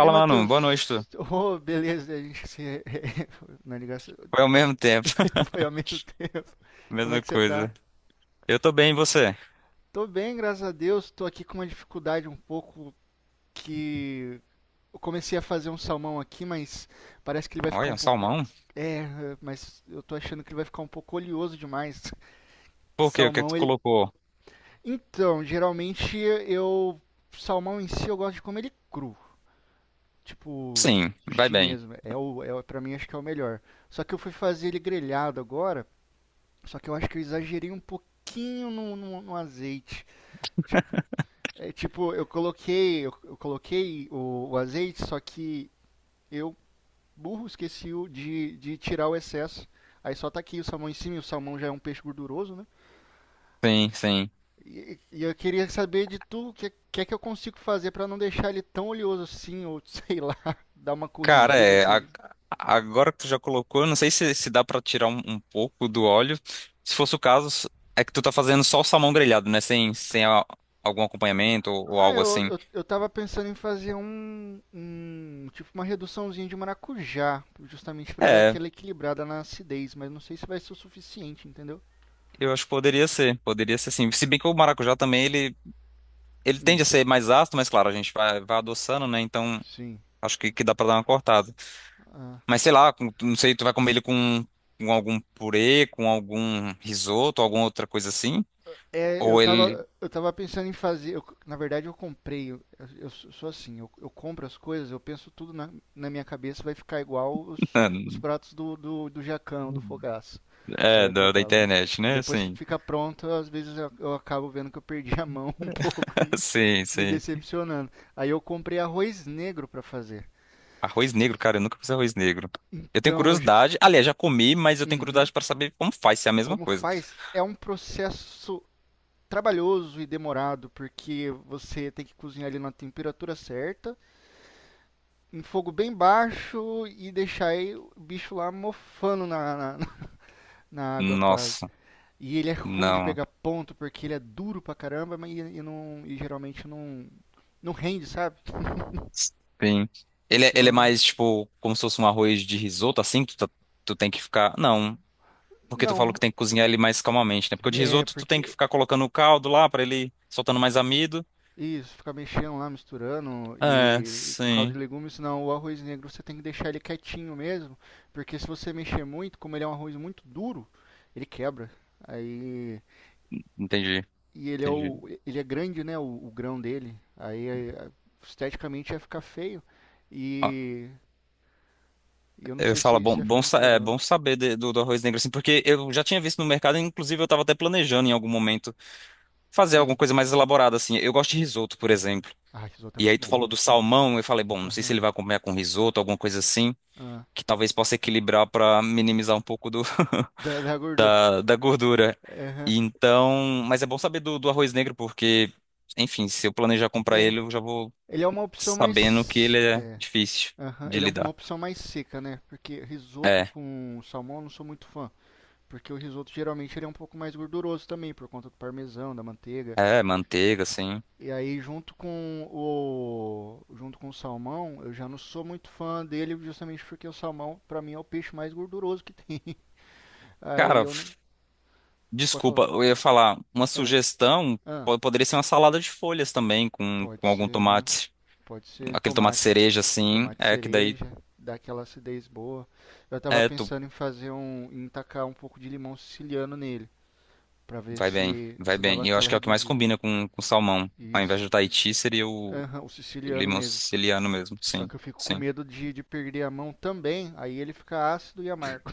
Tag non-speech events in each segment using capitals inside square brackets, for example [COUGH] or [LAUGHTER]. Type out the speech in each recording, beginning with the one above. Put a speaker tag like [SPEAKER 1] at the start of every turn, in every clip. [SPEAKER 1] Ei,
[SPEAKER 2] mano. Boa
[SPEAKER 1] Matheus. [LAUGHS]
[SPEAKER 2] noite. Tu.
[SPEAKER 1] Oh, beleza, a gente se, [LAUGHS] na ligação,
[SPEAKER 2] Foi ao mesmo tempo.
[SPEAKER 1] [LAUGHS] foi
[SPEAKER 2] [LAUGHS]
[SPEAKER 1] ao mesmo tempo. Como é
[SPEAKER 2] Mesma
[SPEAKER 1] que você tá?
[SPEAKER 2] coisa. Eu tô bem, e você?
[SPEAKER 1] Tô bem, graças a Deus. Tô aqui com uma dificuldade um pouco que eu comecei a fazer um salmão aqui, mas parece que ele vai ficar
[SPEAKER 2] Olha,
[SPEAKER 1] um
[SPEAKER 2] um
[SPEAKER 1] pouco
[SPEAKER 2] salmão?
[SPEAKER 1] é, mas eu tô achando que ele vai ficar um pouco oleoso demais. [LAUGHS]
[SPEAKER 2] Por quê? O que é que
[SPEAKER 1] Salmão,
[SPEAKER 2] tu
[SPEAKER 1] ele.
[SPEAKER 2] colocou?
[SPEAKER 1] Então, geralmente eu salmão em si eu gosto de comer ele cru. Tipo,
[SPEAKER 2] Sim, vai
[SPEAKER 1] sushi
[SPEAKER 2] bem.
[SPEAKER 1] mesmo. Pra mim acho que é o melhor. Só que eu fui fazer ele grelhado agora. Só que eu acho que eu exagerei um pouquinho no azeite. Tipo, eu coloquei o azeite, só que eu, burro, esqueci o de tirar o excesso. Aí só tá aqui o salmão em cima, e o salmão já é um peixe gorduroso, né?
[SPEAKER 2] Sim, sim.
[SPEAKER 1] E eu queria saber de tu o que, que é que eu consigo fazer pra não deixar ele tão oleoso assim, ou [LAUGHS] sei lá, dar uma
[SPEAKER 2] Cara,
[SPEAKER 1] corrigida.
[SPEAKER 2] é. Agora que tu já colocou, eu não sei se dá pra tirar um pouco do óleo. Se fosse o caso, é que tu tá fazendo só o salmão grelhado, né? Sem algum acompanhamento ou
[SPEAKER 1] Ah,
[SPEAKER 2] algo
[SPEAKER 1] eu,
[SPEAKER 2] assim.
[SPEAKER 1] eu, eu tava pensando em fazer um, tipo uma reduçãozinha de maracujá, justamente pra dar
[SPEAKER 2] É,
[SPEAKER 1] aquela equilibrada na acidez, mas não sei se vai ser o suficiente, entendeu?
[SPEAKER 2] eu acho que poderia ser. Poderia ser sim. Se bem que o maracujá também, ele. Ele tende
[SPEAKER 1] Hum,
[SPEAKER 2] a ser mais ácido, mas claro, a gente vai adoçando, né? Então.
[SPEAKER 1] sim.
[SPEAKER 2] Acho que dá pra dar uma cortada.
[SPEAKER 1] Ah.
[SPEAKER 2] Mas sei lá, não sei, tu vai comer ele com algum purê, com algum risoto, alguma outra coisa assim?
[SPEAKER 1] É, eu
[SPEAKER 2] Ou ele.
[SPEAKER 1] tava, eu tava pensando em fazer. Na verdade, eu comprei. Eu sou assim, eu compro as coisas, eu penso tudo na minha cabeça, vai ficar igual os
[SPEAKER 2] [LAUGHS]
[SPEAKER 1] pratos do Jacão, do Fogaço, do
[SPEAKER 2] É,
[SPEAKER 1] Alex
[SPEAKER 2] da
[SPEAKER 1] Atala.
[SPEAKER 2] internet, né?
[SPEAKER 1] Depois que
[SPEAKER 2] Sim.
[SPEAKER 1] fica pronto, às vezes eu acabo vendo que eu perdi a mão [LAUGHS] um pouco e,
[SPEAKER 2] [LAUGHS] Sim,
[SPEAKER 1] me
[SPEAKER 2] sim.
[SPEAKER 1] decepcionando. Aí eu comprei arroz negro para fazer.
[SPEAKER 2] Arroz negro, cara, eu nunca fiz arroz negro. Eu tenho
[SPEAKER 1] Então eu já.
[SPEAKER 2] curiosidade. Aliás, já comi, mas eu tenho
[SPEAKER 1] Uhum.
[SPEAKER 2] curiosidade pra saber como faz, se é a mesma
[SPEAKER 1] Como
[SPEAKER 2] coisa.
[SPEAKER 1] faz é um processo trabalhoso e demorado porque você tem que cozinhar ele na temperatura certa, em fogo bem baixo e deixar aí o bicho lá mofando [LAUGHS] na água quase.
[SPEAKER 2] Nossa,
[SPEAKER 1] E ele é ruim de
[SPEAKER 2] não.
[SPEAKER 1] pegar ponto porque ele é duro pra caramba, mas e não e geralmente não rende, sabe?
[SPEAKER 2] Sim.
[SPEAKER 1] E é
[SPEAKER 2] Ele, ele é
[SPEAKER 1] extremamente
[SPEAKER 2] mais, tipo, como se fosse um arroz de risoto, assim, que tu, tu tem que ficar. Não. Porque tu falou que
[SPEAKER 1] não,
[SPEAKER 2] tem que cozinhar ele mais calmamente, né? Porque o de
[SPEAKER 1] é
[SPEAKER 2] risoto tu tem que
[SPEAKER 1] porque
[SPEAKER 2] ficar colocando o caldo lá pra ele soltando mais amido.
[SPEAKER 1] isso, fica mexendo lá, misturando
[SPEAKER 2] É,
[SPEAKER 1] e o caldo de
[SPEAKER 2] sim.
[SPEAKER 1] legumes, não, o arroz negro você tem que deixar ele quietinho mesmo, porque se você mexer muito, como ele é um arroz muito duro, ele quebra. Aí
[SPEAKER 2] Entendi,
[SPEAKER 1] e ele é
[SPEAKER 2] entendi.
[SPEAKER 1] o ele é grande, né, o grão dele. Aí, esteticamente ia ficar feio
[SPEAKER 2] Ó,
[SPEAKER 1] e, e eu não
[SPEAKER 2] eu
[SPEAKER 1] sei
[SPEAKER 2] falo,
[SPEAKER 1] se
[SPEAKER 2] bom,
[SPEAKER 1] ia ficar
[SPEAKER 2] bom,
[SPEAKER 1] muito
[SPEAKER 2] é
[SPEAKER 1] legal.
[SPEAKER 2] bom saber do arroz negro, assim, porque eu já tinha visto no mercado, inclusive eu tava até planejando em algum momento fazer
[SPEAKER 1] Hum.
[SPEAKER 2] alguma coisa mais elaborada, assim. Eu gosto de risoto, por exemplo.
[SPEAKER 1] Ah, esse risoto é
[SPEAKER 2] E aí
[SPEAKER 1] muito
[SPEAKER 2] tu
[SPEAKER 1] bom.
[SPEAKER 2] falou do salmão, eu falei, bom, não sei se
[SPEAKER 1] Aham.
[SPEAKER 2] ele vai comer com risoto, alguma coisa assim,
[SPEAKER 1] Aham.
[SPEAKER 2] que talvez possa equilibrar pra minimizar um pouco do.
[SPEAKER 1] Da
[SPEAKER 2] [LAUGHS]
[SPEAKER 1] gordura.
[SPEAKER 2] Da gordura.
[SPEAKER 1] Aham.
[SPEAKER 2] E então, mas é bom saber do arroz negro, porque, enfim, se eu planejar comprar
[SPEAKER 1] É,
[SPEAKER 2] ele, eu já vou
[SPEAKER 1] ele é uma opção
[SPEAKER 2] sabendo que
[SPEAKER 1] mais
[SPEAKER 2] ele é
[SPEAKER 1] é,
[SPEAKER 2] difícil
[SPEAKER 1] Aham,
[SPEAKER 2] de
[SPEAKER 1] ele é uma
[SPEAKER 2] lidar.
[SPEAKER 1] opção mais seca, né? Porque risoto
[SPEAKER 2] É,
[SPEAKER 1] com salmão eu não sou muito fã. Porque o risoto geralmente ele é um pouco mais gorduroso também, por conta do parmesão, da manteiga.
[SPEAKER 2] é, manteiga, assim.
[SPEAKER 1] E aí junto com o salmão, eu já não sou muito fã dele, justamente porque o salmão pra mim é o peixe mais gorduroso que tem. [LAUGHS] Aí
[SPEAKER 2] Cara,
[SPEAKER 1] eu não pode
[SPEAKER 2] desculpa,
[SPEAKER 1] falar.
[SPEAKER 2] eu ia falar, uma
[SPEAKER 1] Ah,
[SPEAKER 2] sugestão
[SPEAKER 1] ah,
[SPEAKER 2] poderia ser uma salada de folhas também,
[SPEAKER 1] pode
[SPEAKER 2] com algum
[SPEAKER 1] ser, né?
[SPEAKER 2] tomate,
[SPEAKER 1] Pode ser
[SPEAKER 2] aquele tomate
[SPEAKER 1] tomate,
[SPEAKER 2] cereja, assim,
[SPEAKER 1] tomate
[SPEAKER 2] é que daí,
[SPEAKER 1] cereja, dá aquela acidez boa. Eu tava
[SPEAKER 2] é, tu
[SPEAKER 1] pensando em fazer em tacar um pouco de limão siciliano nele. Para ver
[SPEAKER 2] vai bem,
[SPEAKER 1] se,
[SPEAKER 2] vai
[SPEAKER 1] se
[SPEAKER 2] bem.
[SPEAKER 1] dava
[SPEAKER 2] E eu acho
[SPEAKER 1] aquela
[SPEAKER 2] que é o que mais
[SPEAKER 1] reduzida.
[SPEAKER 2] combina com salmão. Ao invés
[SPEAKER 1] Isso.
[SPEAKER 2] do Tahiti, seria
[SPEAKER 1] Aham, o
[SPEAKER 2] o
[SPEAKER 1] siciliano
[SPEAKER 2] limão
[SPEAKER 1] mesmo.
[SPEAKER 2] siciliano mesmo,
[SPEAKER 1] Só
[SPEAKER 2] sim,
[SPEAKER 1] que eu fico com
[SPEAKER 2] sim.
[SPEAKER 1] medo de perder a mão também, aí ele fica ácido e amargo.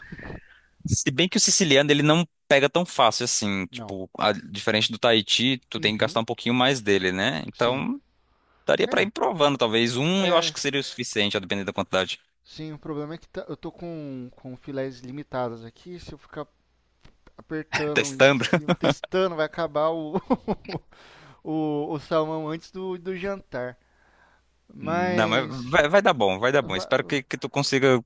[SPEAKER 2] Se bem que o siciliano ele não pega tão fácil assim,
[SPEAKER 1] Não.
[SPEAKER 2] tipo, diferente do Tahiti, tu tem que gastar um
[SPEAKER 1] Uhum,
[SPEAKER 2] pouquinho mais dele, né?
[SPEAKER 1] sim.
[SPEAKER 2] Então, daria pra
[SPEAKER 1] É,
[SPEAKER 2] ir provando, talvez um, eu acho
[SPEAKER 1] é.
[SPEAKER 2] que seria o suficiente, a depender da quantidade.
[SPEAKER 1] Sim, o problema é que eu tô com filés limitadas aqui. Se eu ficar
[SPEAKER 2] [LAUGHS]
[SPEAKER 1] apertando em
[SPEAKER 2] Testando.
[SPEAKER 1] cima, testando, vai acabar o, [LAUGHS] o salmão antes do jantar.
[SPEAKER 2] Não, mas
[SPEAKER 1] Mas
[SPEAKER 2] vai dar bom, vai dar bom.
[SPEAKER 1] va.
[SPEAKER 2] Espero que tu consiga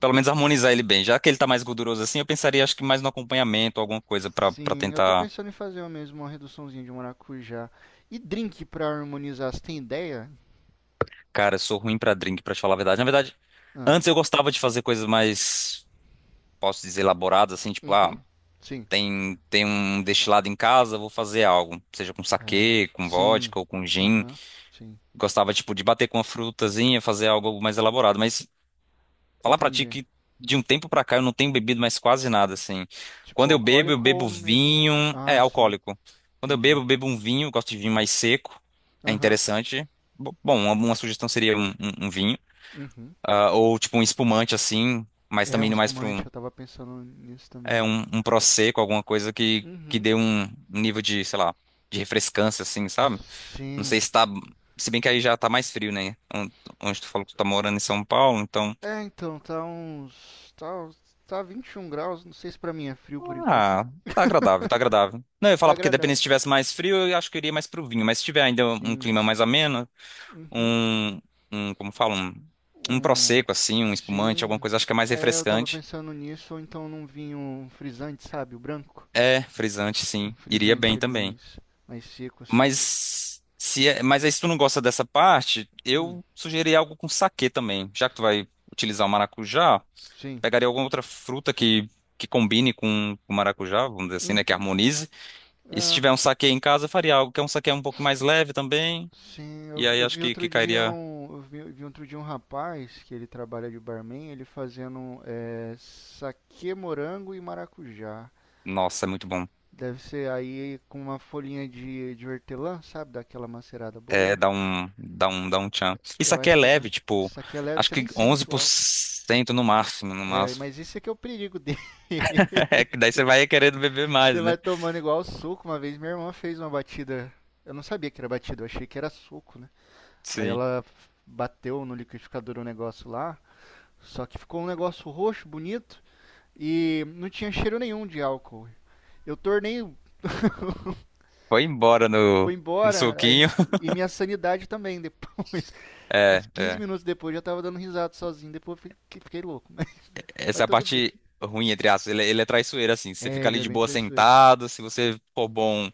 [SPEAKER 2] pelo menos harmonizar ele bem. Já que ele tá mais gorduroso assim, eu pensaria acho que mais no acompanhamento, alguma coisa pra para
[SPEAKER 1] Sim, eu tô
[SPEAKER 2] tentar.
[SPEAKER 1] pensando em fazer eu mesmo uma reduçãozinha de maracujá. E drink pra harmonizar, você tem ideia?
[SPEAKER 2] Cara, eu sou ruim pra drink, pra te falar a verdade. Na verdade,
[SPEAKER 1] Ah,
[SPEAKER 2] antes eu gostava de fazer coisas mais, posso dizer, elaboradas, assim, tipo, ah,
[SPEAKER 1] uhum, sim.
[SPEAKER 2] tem, tem um destilado em casa, vou fazer algo, seja com
[SPEAKER 1] É,
[SPEAKER 2] saquê, com
[SPEAKER 1] sim,
[SPEAKER 2] vodka ou com gin.
[SPEAKER 1] aham, sim.
[SPEAKER 2] Gostava, tipo, de bater com uma frutazinha, fazer algo mais elaborado. Mas falar pra ti
[SPEAKER 1] Entendi.
[SPEAKER 2] que de um tempo pra cá eu não tenho bebido mais quase nada, assim.
[SPEAKER 1] Tipo,
[SPEAKER 2] Quando eu
[SPEAKER 1] alcoólico ou
[SPEAKER 2] bebo vinho,
[SPEAKER 1] mesmo.
[SPEAKER 2] é,
[SPEAKER 1] Ah, sim,
[SPEAKER 2] alcoólico. Quando
[SPEAKER 1] entendi.
[SPEAKER 2] eu bebo um vinho, eu gosto de vinho mais seco, é
[SPEAKER 1] Aham,
[SPEAKER 2] interessante. Bom, uma sugestão seria um, um vinho,
[SPEAKER 1] uhum.
[SPEAKER 2] ah, ou tipo um espumante assim, mas
[SPEAKER 1] É
[SPEAKER 2] também
[SPEAKER 1] um
[SPEAKER 2] indo mais para
[SPEAKER 1] espumante, eu tava pensando nisso
[SPEAKER 2] é
[SPEAKER 1] também.
[SPEAKER 2] um, um prosecco, alguma coisa que
[SPEAKER 1] Uhum,
[SPEAKER 2] dê um nível de, sei lá, de refrescância, assim, sabe? Não
[SPEAKER 1] sim.
[SPEAKER 2] sei se tá. Se bem que aí já tá mais frio, né? Onde tu falou que tu tá morando em São Paulo, então.
[SPEAKER 1] É, então, tá 21 graus, não sei se pra mim é frio por enquanto.
[SPEAKER 2] Ah, tá agradável, tá agradável. Não, eu ia
[SPEAKER 1] Tá
[SPEAKER 2] falar porque dependendo
[SPEAKER 1] agradável.
[SPEAKER 2] se tivesse mais frio, eu acho que eu iria mais pro vinho. Mas se tiver ainda um
[SPEAKER 1] Sim,
[SPEAKER 2] clima mais ameno,
[SPEAKER 1] uhum.
[SPEAKER 2] um. Um como fala? Um
[SPEAKER 1] um
[SPEAKER 2] prosecco, assim, um espumante, alguma
[SPEAKER 1] sim.
[SPEAKER 2] coisa, acho que é mais
[SPEAKER 1] É, eu tava
[SPEAKER 2] refrescante.
[SPEAKER 1] pensando nisso, ou então num vinho um frisante, sabe? O branco.
[SPEAKER 2] É, frisante,
[SPEAKER 1] Um
[SPEAKER 2] sim. Iria
[SPEAKER 1] frisante,
[SPEAKER 2] bem
[SPEAKER 1] ele
[SPEAKER 2] também.
[SPEAKER 1] mais seco, assim.
[SPEAKER 2] Mas se é- mas aí se tu não gosta dessa parte,
[SPEAKER 1] Hum,
[SPEAKER 2] eu sugeri algo com saquê também. Já que tu vai utilizar o maracujá,
[SPEAKER 1] sim.
[SPEAKER 2] pegaria alguma outra fruta que combine com o maracujá, vamos dizer assim, né, que
[SPEAKER 1] Hum,
[SPEAKER 2] harmonize. E se
[SPEAKER 1] é,
[SPEAKER 2] tiver um saquê em casa, eu faria algo que é um saquê um pouco mais leve também.
[SPEAKER 1] sim. Eu,
[SPEAKER 2] E
[SPEAKER 1] vi-
[SPEAKER 2] aí
[SPEAKER 1] eu
[SPEAKER 2] acho
[SPEAKER 1] vi
[SPEAKER 2] que,
[SPEAKER 1] outro
[SPEAKER 2] que
[SPEAKER 1] dia
[SPEAKER 2] cairia.
[SPEAKER 1] um, eu vi outro dia um rapaz que ele trabalha de barman, ele fazendo saquê morango e maracujá.
[SPEAKER 2] Nossa, é muito bom.
[SPEAKER 1] Deve ser aí com uma folhinha de hortelã, sabe? Daquela macerada
[SPEAKER 2] É,
[SPEAKER 1] boa.
[SPEAKER 2] dá um tchan. E
[SPEAKER 1] Eu
[SPEAKER 2] saquê
[SPEAKER 1] acho
[SPEAKER 2] é
[SPEAKER 1] que é da.
[SPEAKER 2] leve, tipo,
[SPEAKER 1] Saquê leve,
[SPEAKER 2] acho
[SPEAKER 1] você
[SPEAKER 2] que
[SPEAKER 1] nem
[SPEAKER 2] onze
[SPEAKER 1] sente o
[SPEAKER 2] por
[SPEAKER 1] álcool.
[SPEAKER 2] cento no máximo, no máximo.
[SPEAKER 1] Mas isso é que é o perigo dele.
[SPEAKER 2] [LAUGHS]
[SPEAKER 1] [LAUGHS]
[SPEAKER 2] É que daí você vai querendo beber
[SPEAKER 1] Você
[SPEAKER 2] mais, né?
[SPEAKER 1] vai tomando igual suco. Uma vez minha irmã fez uma batida. Eu não sabia que era batida, eu achei que era suco, né? Aí
[SPEAKER 2] Sim.
[SPEAKER 1] ela bateu no liquidificador um negócio lá. Só que ficou um negócio roxo, bonito. E não tinha cheiro nenhum de álcool. Eu tornei,
[SPEAKER 2] Foi embora
[SPEAKER 1] foi
[SPEAKER 2] no, no
[SPEAKER 1] embora.
[SPEAKER 2] suquinho. [LAUGHS]
[SPEAKER 1] E minha sanidade também depois. [LAUGHS]
[SPEAKER 2] É,
[SPEAKER 1] Uns 15
[SPEAKER 2] é.
[SPEAKER 1] minutos depois eu já tava dando risada sozinho. Depois eu fiquei louco. [LAUGHS] Mas
[SPEAKER 2] Essa é a
[SPEAKER 1] tudo bem.
[SPEAKER 2] parte ruim, entre aspas. Ele é traiçoeiro, assim. Você
[SPEAKER 1] É,
[SPEAKER 2] fica
[SPEAKER 1] ele
[SPEAKER 2] ali
[SPEAKER 1] é
[SPEAKER 2] de
[SPEAKER 1] bem
[SPEAKER 2] boa
[SPEAKER 1] traiçoeiro.
[SPEAKER 2] sentado. Se você for bom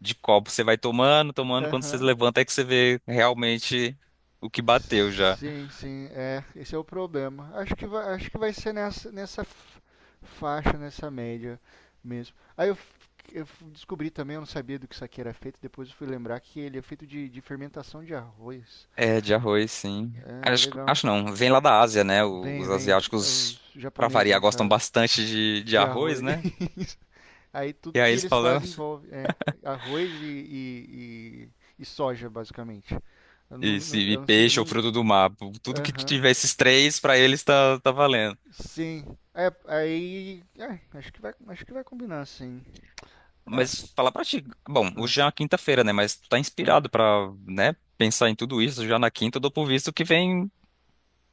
[SPEAKER 2] de copo, você vai tomando, tomando. Quando você
[SPEAKER 1] Aham.
[SPEAKER 2] levanta, é que você vê realmente o que bateu já.
[SPEAKER 1] Sim, sim, é, esse é o problema. Acho que vai ser faixa, nessa média mesmo. Aí eu descobri também, eu não sabia do que isso aqui era feito, depois eu fui lembrar que ele é feito de fermentação de arroz.
[SPEAKER 2] É, de arroz, sim.
[SPEAKER 1] É,
[SPEAKER 2] Acho,
[SPEAKER 1] legal.
[SPEAKER 2] acho não. Vem lá da Ásia, né?
[SPEAKER 1] Vem,
[SPEAKER 2] Os
[SPEAKER 1] vem, é os
[SPEAKER 2] asiáticos, pra
[SPEAKER 1] japoneses
[SPEAKER 2] variar,
[SPEAKER 1] no
[SPEAKER 2] gostam
[SPEAKER 1] caso,
[SPEAKER 2] bastante de
[SPEAKER 1] de
[SPEAKER 2] arroz,
[SPEAKER 1] arroz.
[SPEAKER 2] né?
[SPEAKER 1] [LAUGHS] Aí tudo
[SPEAKER 2] E aí
[SPEAKER 1] que
[SPEAKER 2] eles
[SPEAKER 1] eles
[SPEAKER 2] falam.
[SPEAKER 1] fazem
[SPEAKER 2] [LAUGHS]
[SPEAKER 1] envolve, arroz e soja, basicamente. Eu não,
[SPEAKER 2] Isso,
[SPEAKER 1] não-
[SPEAKER 2] e
[SPEAKER 1] eu não sei, eu
[SPEAKER 2] peixe ou
[SPEAKER 1] não.
[SPEAKER 2] fruto do mar. Tudo que
[SPEAKER 1] Aham.
[SPEAKER 2] tiver esses três, pra eles tá, tá valendo.
[SPEAKER 1] Sim. É, aí. Acho que vai combinar, sim. É.
[SPEAKER 2] Mas falar pra ti, bom,
[SPEAKER 1] é,
[SPEAKER 2] hoje é uma quinta-feira, né? Mas tu tá
[SPEAKER 1] é.
[SPEAKER 2] inspirado pra, né, pensar em tudo isso já na quinta, eu dou por visto que vem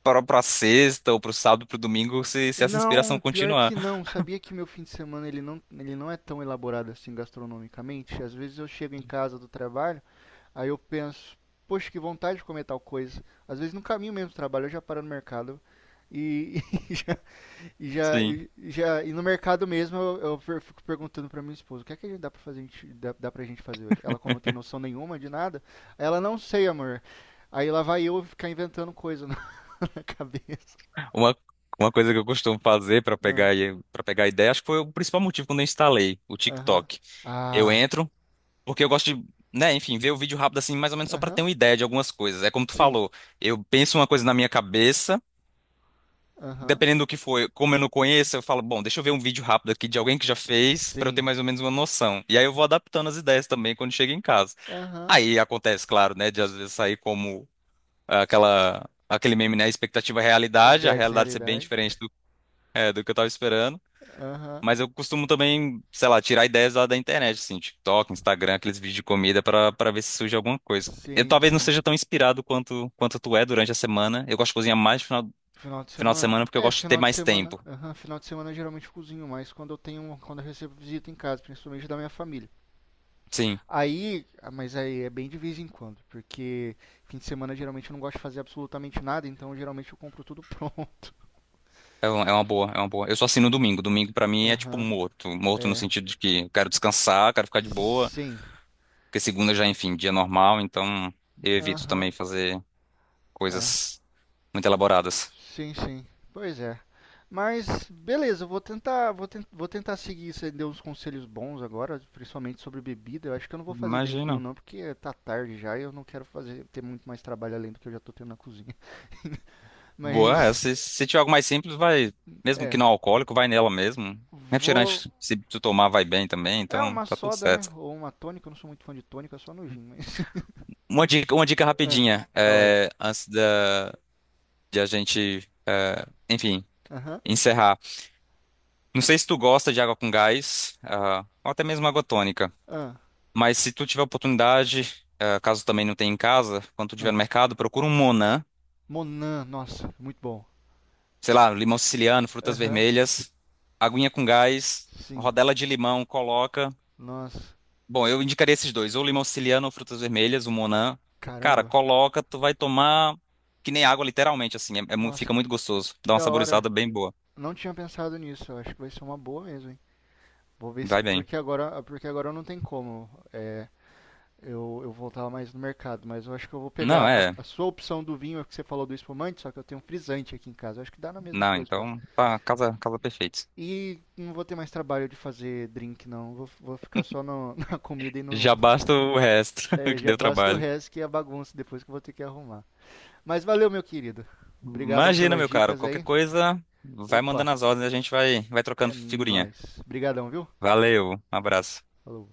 [SPEAKER 2] pra, pra sexta ou pro sábado, pro domingo, se essa inspiração
[SPEAKER 1] Não, pior
[SPEAKER 2] continuar.
[SPEAKER 1] que não. Sabia que meu fim de semana ele não é tão elaborado assim gastronomicamente. Às vezes eu chego em casa do trabalho, aí eu penso, poxa, que vontade de comer tal coisa. Às vezes no caminho mesmo do trabalho eu já paro no mercado e, [LAUGHS] e já, E já,
[SPEAKER 2] Sim.
[SPEAKER 1] e, já, e no mercado mesmo fico perguntando pra minha esposa, o que é que dá pra fazer, a gente, dá pra gente fazer hoje? Ela, como não tem noção nenhuma de nada, ela não sei, amor. Aí lá vai eu ficar inventando coisa [LAUGHS] na cabeça.
[SPEAKER 2] Uma, uma coisa que eu costumo fazer pra
[SPEAKER 1] Ah.
[SPEAKER 2] pegar, para pegar ideia, acho que foi o principal motivo quando eu instalei o
[SPEAKER 1] Aham.
[SPEAKER 2] TikTok. Eu
[SPEAKER 1] Ah,
[SPEAKER 2] entro, porque eu gosto de, né, enfim, ver o vídeo rápido assim, mais ou menos só pra ter
[SPEAKER 1] aham.
[SPEAKER 2] uma ideia de algumas coisas. É como tu
[SPEAKER 1] Sim.
[SPEAKER 2] falou, eu penso uma coisa na minha cabeça.
[SPEAKER 1] Aham.
[SPEAKER 2] Dependendo do que for, como eu não conheço, eu falo, bom, deixa eu ver um vídeo rápido aqui de alguém que já fez, pra eu ter
[SPEAKER 1] Sim.
[SPEAKER 2] mais ou menos uma noção. E aí eu vou adaptando as ideias também quando chego em casa.
[SPEAKER 1] Aham.
[SPEAKER 2] Aí acontece, claro, né, de às vezes sair como ah, aquela aquele meme, né, expectativa e
[SPEAKER 1] Ele
[SPEAKER 2] realidade, a
[SPEAKER 1] bebe essa
[SPEAKER 2] realidade ser bem
[SPEAKER 1] realidade.
[SPEAKER 2] diferente do, é, do que eu tava esperando.
[SPEAKER 1] Aham.
[SPEAKER 2] Mas eu costumo também, sei lá, tirar ideias lá da internet, assim, TikTok, Instagram, aqueles vídeos de comida pra para ver se surge alguma coisa. Eu
[SPEAKER 1] Sim,
[SPEAKER 2] talvez não
[SPEAKER 1] sim.
[SPEAKER 2] seja tão inspirado quanto tu é durante a semana. Eu gosto de cozinhar mais no final,
[SPEAKER 1] Final de
[SPEAKER 2] final de
[SPEAKER 1] semana?
[SPEAKER 2] semana porque eu
[SPEAKER 1] É,
[SPEAKER 2] gosto de ter
[SPEAKER 1] final de
[SPEAKER 2] mais
[SPEAKER 1] semana.
[SPEAKER 2] tempo.
[SPEAKER 1] Aham, final de semana eu geralmente cozinho, mas quando eu recebo visita em casa, principalmente da minha família.
[SPEAKER 2] Sim.
[SPEAKER 1] Aí, ah, mas aí é bem de vez em quando, porque fim de semana geralmente eu não gosto de fazer absolutamente nada, então geralmente eu compro tudo pronto. [LAUGHS]
[SPEAKER 2] É é uma boa, é uma boa. Eu só assino domingo. Domingo pra mim é tipo
[SPEAKER 1] Aham,
[SPEAKER 2] morto. Morto no
[SPEAKER 1] é.
[SPEAKER 2] sentido de que eu quero descansar, quero ficar de boa,
[SPEAKER 1] Sim.
[SPEAKER 2] porque segunda já, enfim, dia normal, então eu evito também
[SPEAKER 1] Aham,
[SPEAKER 2] fazer
[SPEAKER 1] é.
[SPEAKER 2] coisas muito elaboradas.
[SPEAKER 1] Sim, sim. Pois é. Mas beleza, eu vou tentar seguir, você deu uns conselhos bons agora, principalmente sobre bebida. Eu acho que eu não vou fazer drink nenhum
[SPEAKER 2] Imagina.
[SPEAKER 1] não, porque tá tarde já e eu não quero fazer ter muito mais trabalho além do que eu já tô tendo na cozinha. [LAUGHS]
[SPEAKER 2] Boa, é,
[SPEAKER 1] Mas
[SPEAKER 2] se tiver algo mais simples, vai, mesmo que
[SPEAKER 1] é,
[SPEAKER 2] não alcoólico, vai nela mesmo.
[SPEAKER 1] vou.
[SPEAKER 2] Refrigerante, se tu tomar, vai bem também,
[SPEAKER 1] É
[SPEAKER 2] então
[SPEAKER 1] uma
[SPEAKER 2] tá tudo
[SPEAKER 1] soda, né?
[SPEAKER 2] certo.
[SPEAKER 1] Ou uma tônica, eu não sou muito fã de tônica, é só no gin, mas. [LAUGHS]
[SPEAKER 2] Uma dica
[SPEAKER 1] Ah,
[SPEAKER 2] rapidinha,
[SPEAKER 1] fala aí.
[SPEAKER 2] é, antes da, de a gente, é, enfim,
[SPEAKER 1] Aham.
[SPEAKER 2] encerrar. Não sei se tu gosta de água com gás, ah, ou até mesmo água tônica,
[SPEAKER 1] Ah,
[SPEAKER 2] mas se tu tiver oportunidade, ah, caso também não tenha em casa, quando tu estiver no
[SPEAKER 1] ah.
[SPEAKER 2] mercado, procura um Monan,
[SPEAKER 1] Monan, nossa, muito bom.
[SPEAKER 2] sei lá, limão siciliano, frutas
[SPEAKER 1] Aham.
[SPEAKER 2] vermelhas, aguinha com gás,
[SPEAKER 1] Sim.
[SPEAKER 2] rodela de limão, coloca.
[SPEAKER 1] Nossa,
[SPEAKER 2] Bom, eu indicaria esses dois, ou limão siciliano ou frutas vermelhas, o Monan. Cara,
[SPEAKER 1] caramba.
[SPEAKER 2] coloca, tu vai tomar que nem água, literalmente, assim,
[SPEAKER 1] Nossa,
[SPEAKER 2] fica muito gostoso,
[SPEAKER 1] que
[SPEAKER 2] dá uma
[SPEAKER 1] da hora.
[SPEAKER 2] saborizada bem boa,
[SPEAKER 1] Não tinha pensado nisso. Eu acho que vai ser uma boa mesmo, hein? Vou ver se.
[SPEAKER 2] vai bem.
[SPEAKER 1] Porque agora não tem como. É, eu voltar mais no mercado, mas eu acho que eu vou
[SPEAKER 2] Não,
[SPEAKER 1] pegar
[SPEAKER 2] é,
[SPEAKER 1] a sua opção do vinho que você falou do espumante, só que eu tenho um frisante aqui em casa. Eu acho que dá na mesma
[SPEAKER 2] não,
[SPEAKER 1] coisa.
[SPEAKER 2] então, tá, casa, casa perfeita.
[SPEAKER 1] E não vou ter mais trabalho de fazer drink, não. Vou ficar só [LAUGHS] na comida e no.
[SPEAKER 2] Já
[SPEAKER 1] [LAUGHS]
[SPEAKER 2] basta o resto
[SPEAKER 1] É,
[SPEAKER 2] [LAUGHS] que
[SPEAKER 1] já
[SPEAKER 2] deu
[SPEAKER 1] basta o
[SPEAKER 2] trabalho.
[SPEAKER 1] resto que é a bagunça depois que eu vou ter que arrumar. Mas valeu, meu querido. Obrigadão
[SPEAKER 2] Imagina,
[SPEAKER 1] pelas
[SPEAKER 2] meu caro,
[SPEAKER 1] dicas
[SPEAKER 2] qualquer
[SPEAKER 1] aí.
[SPEAKER 2] coisa, vai
[SPEAKER 1] Opa,
[SPEAKER 2] mandando as ordens e a gente vai, vai
[SPEAKER 1] é
[SPEAKER 2] trocando figurinha.
[SPEAKER 1] nóis. Obrigadão, viu?
[SPEAKER 2] Valeu, um abraço.
[SPEAKER 1] Falou.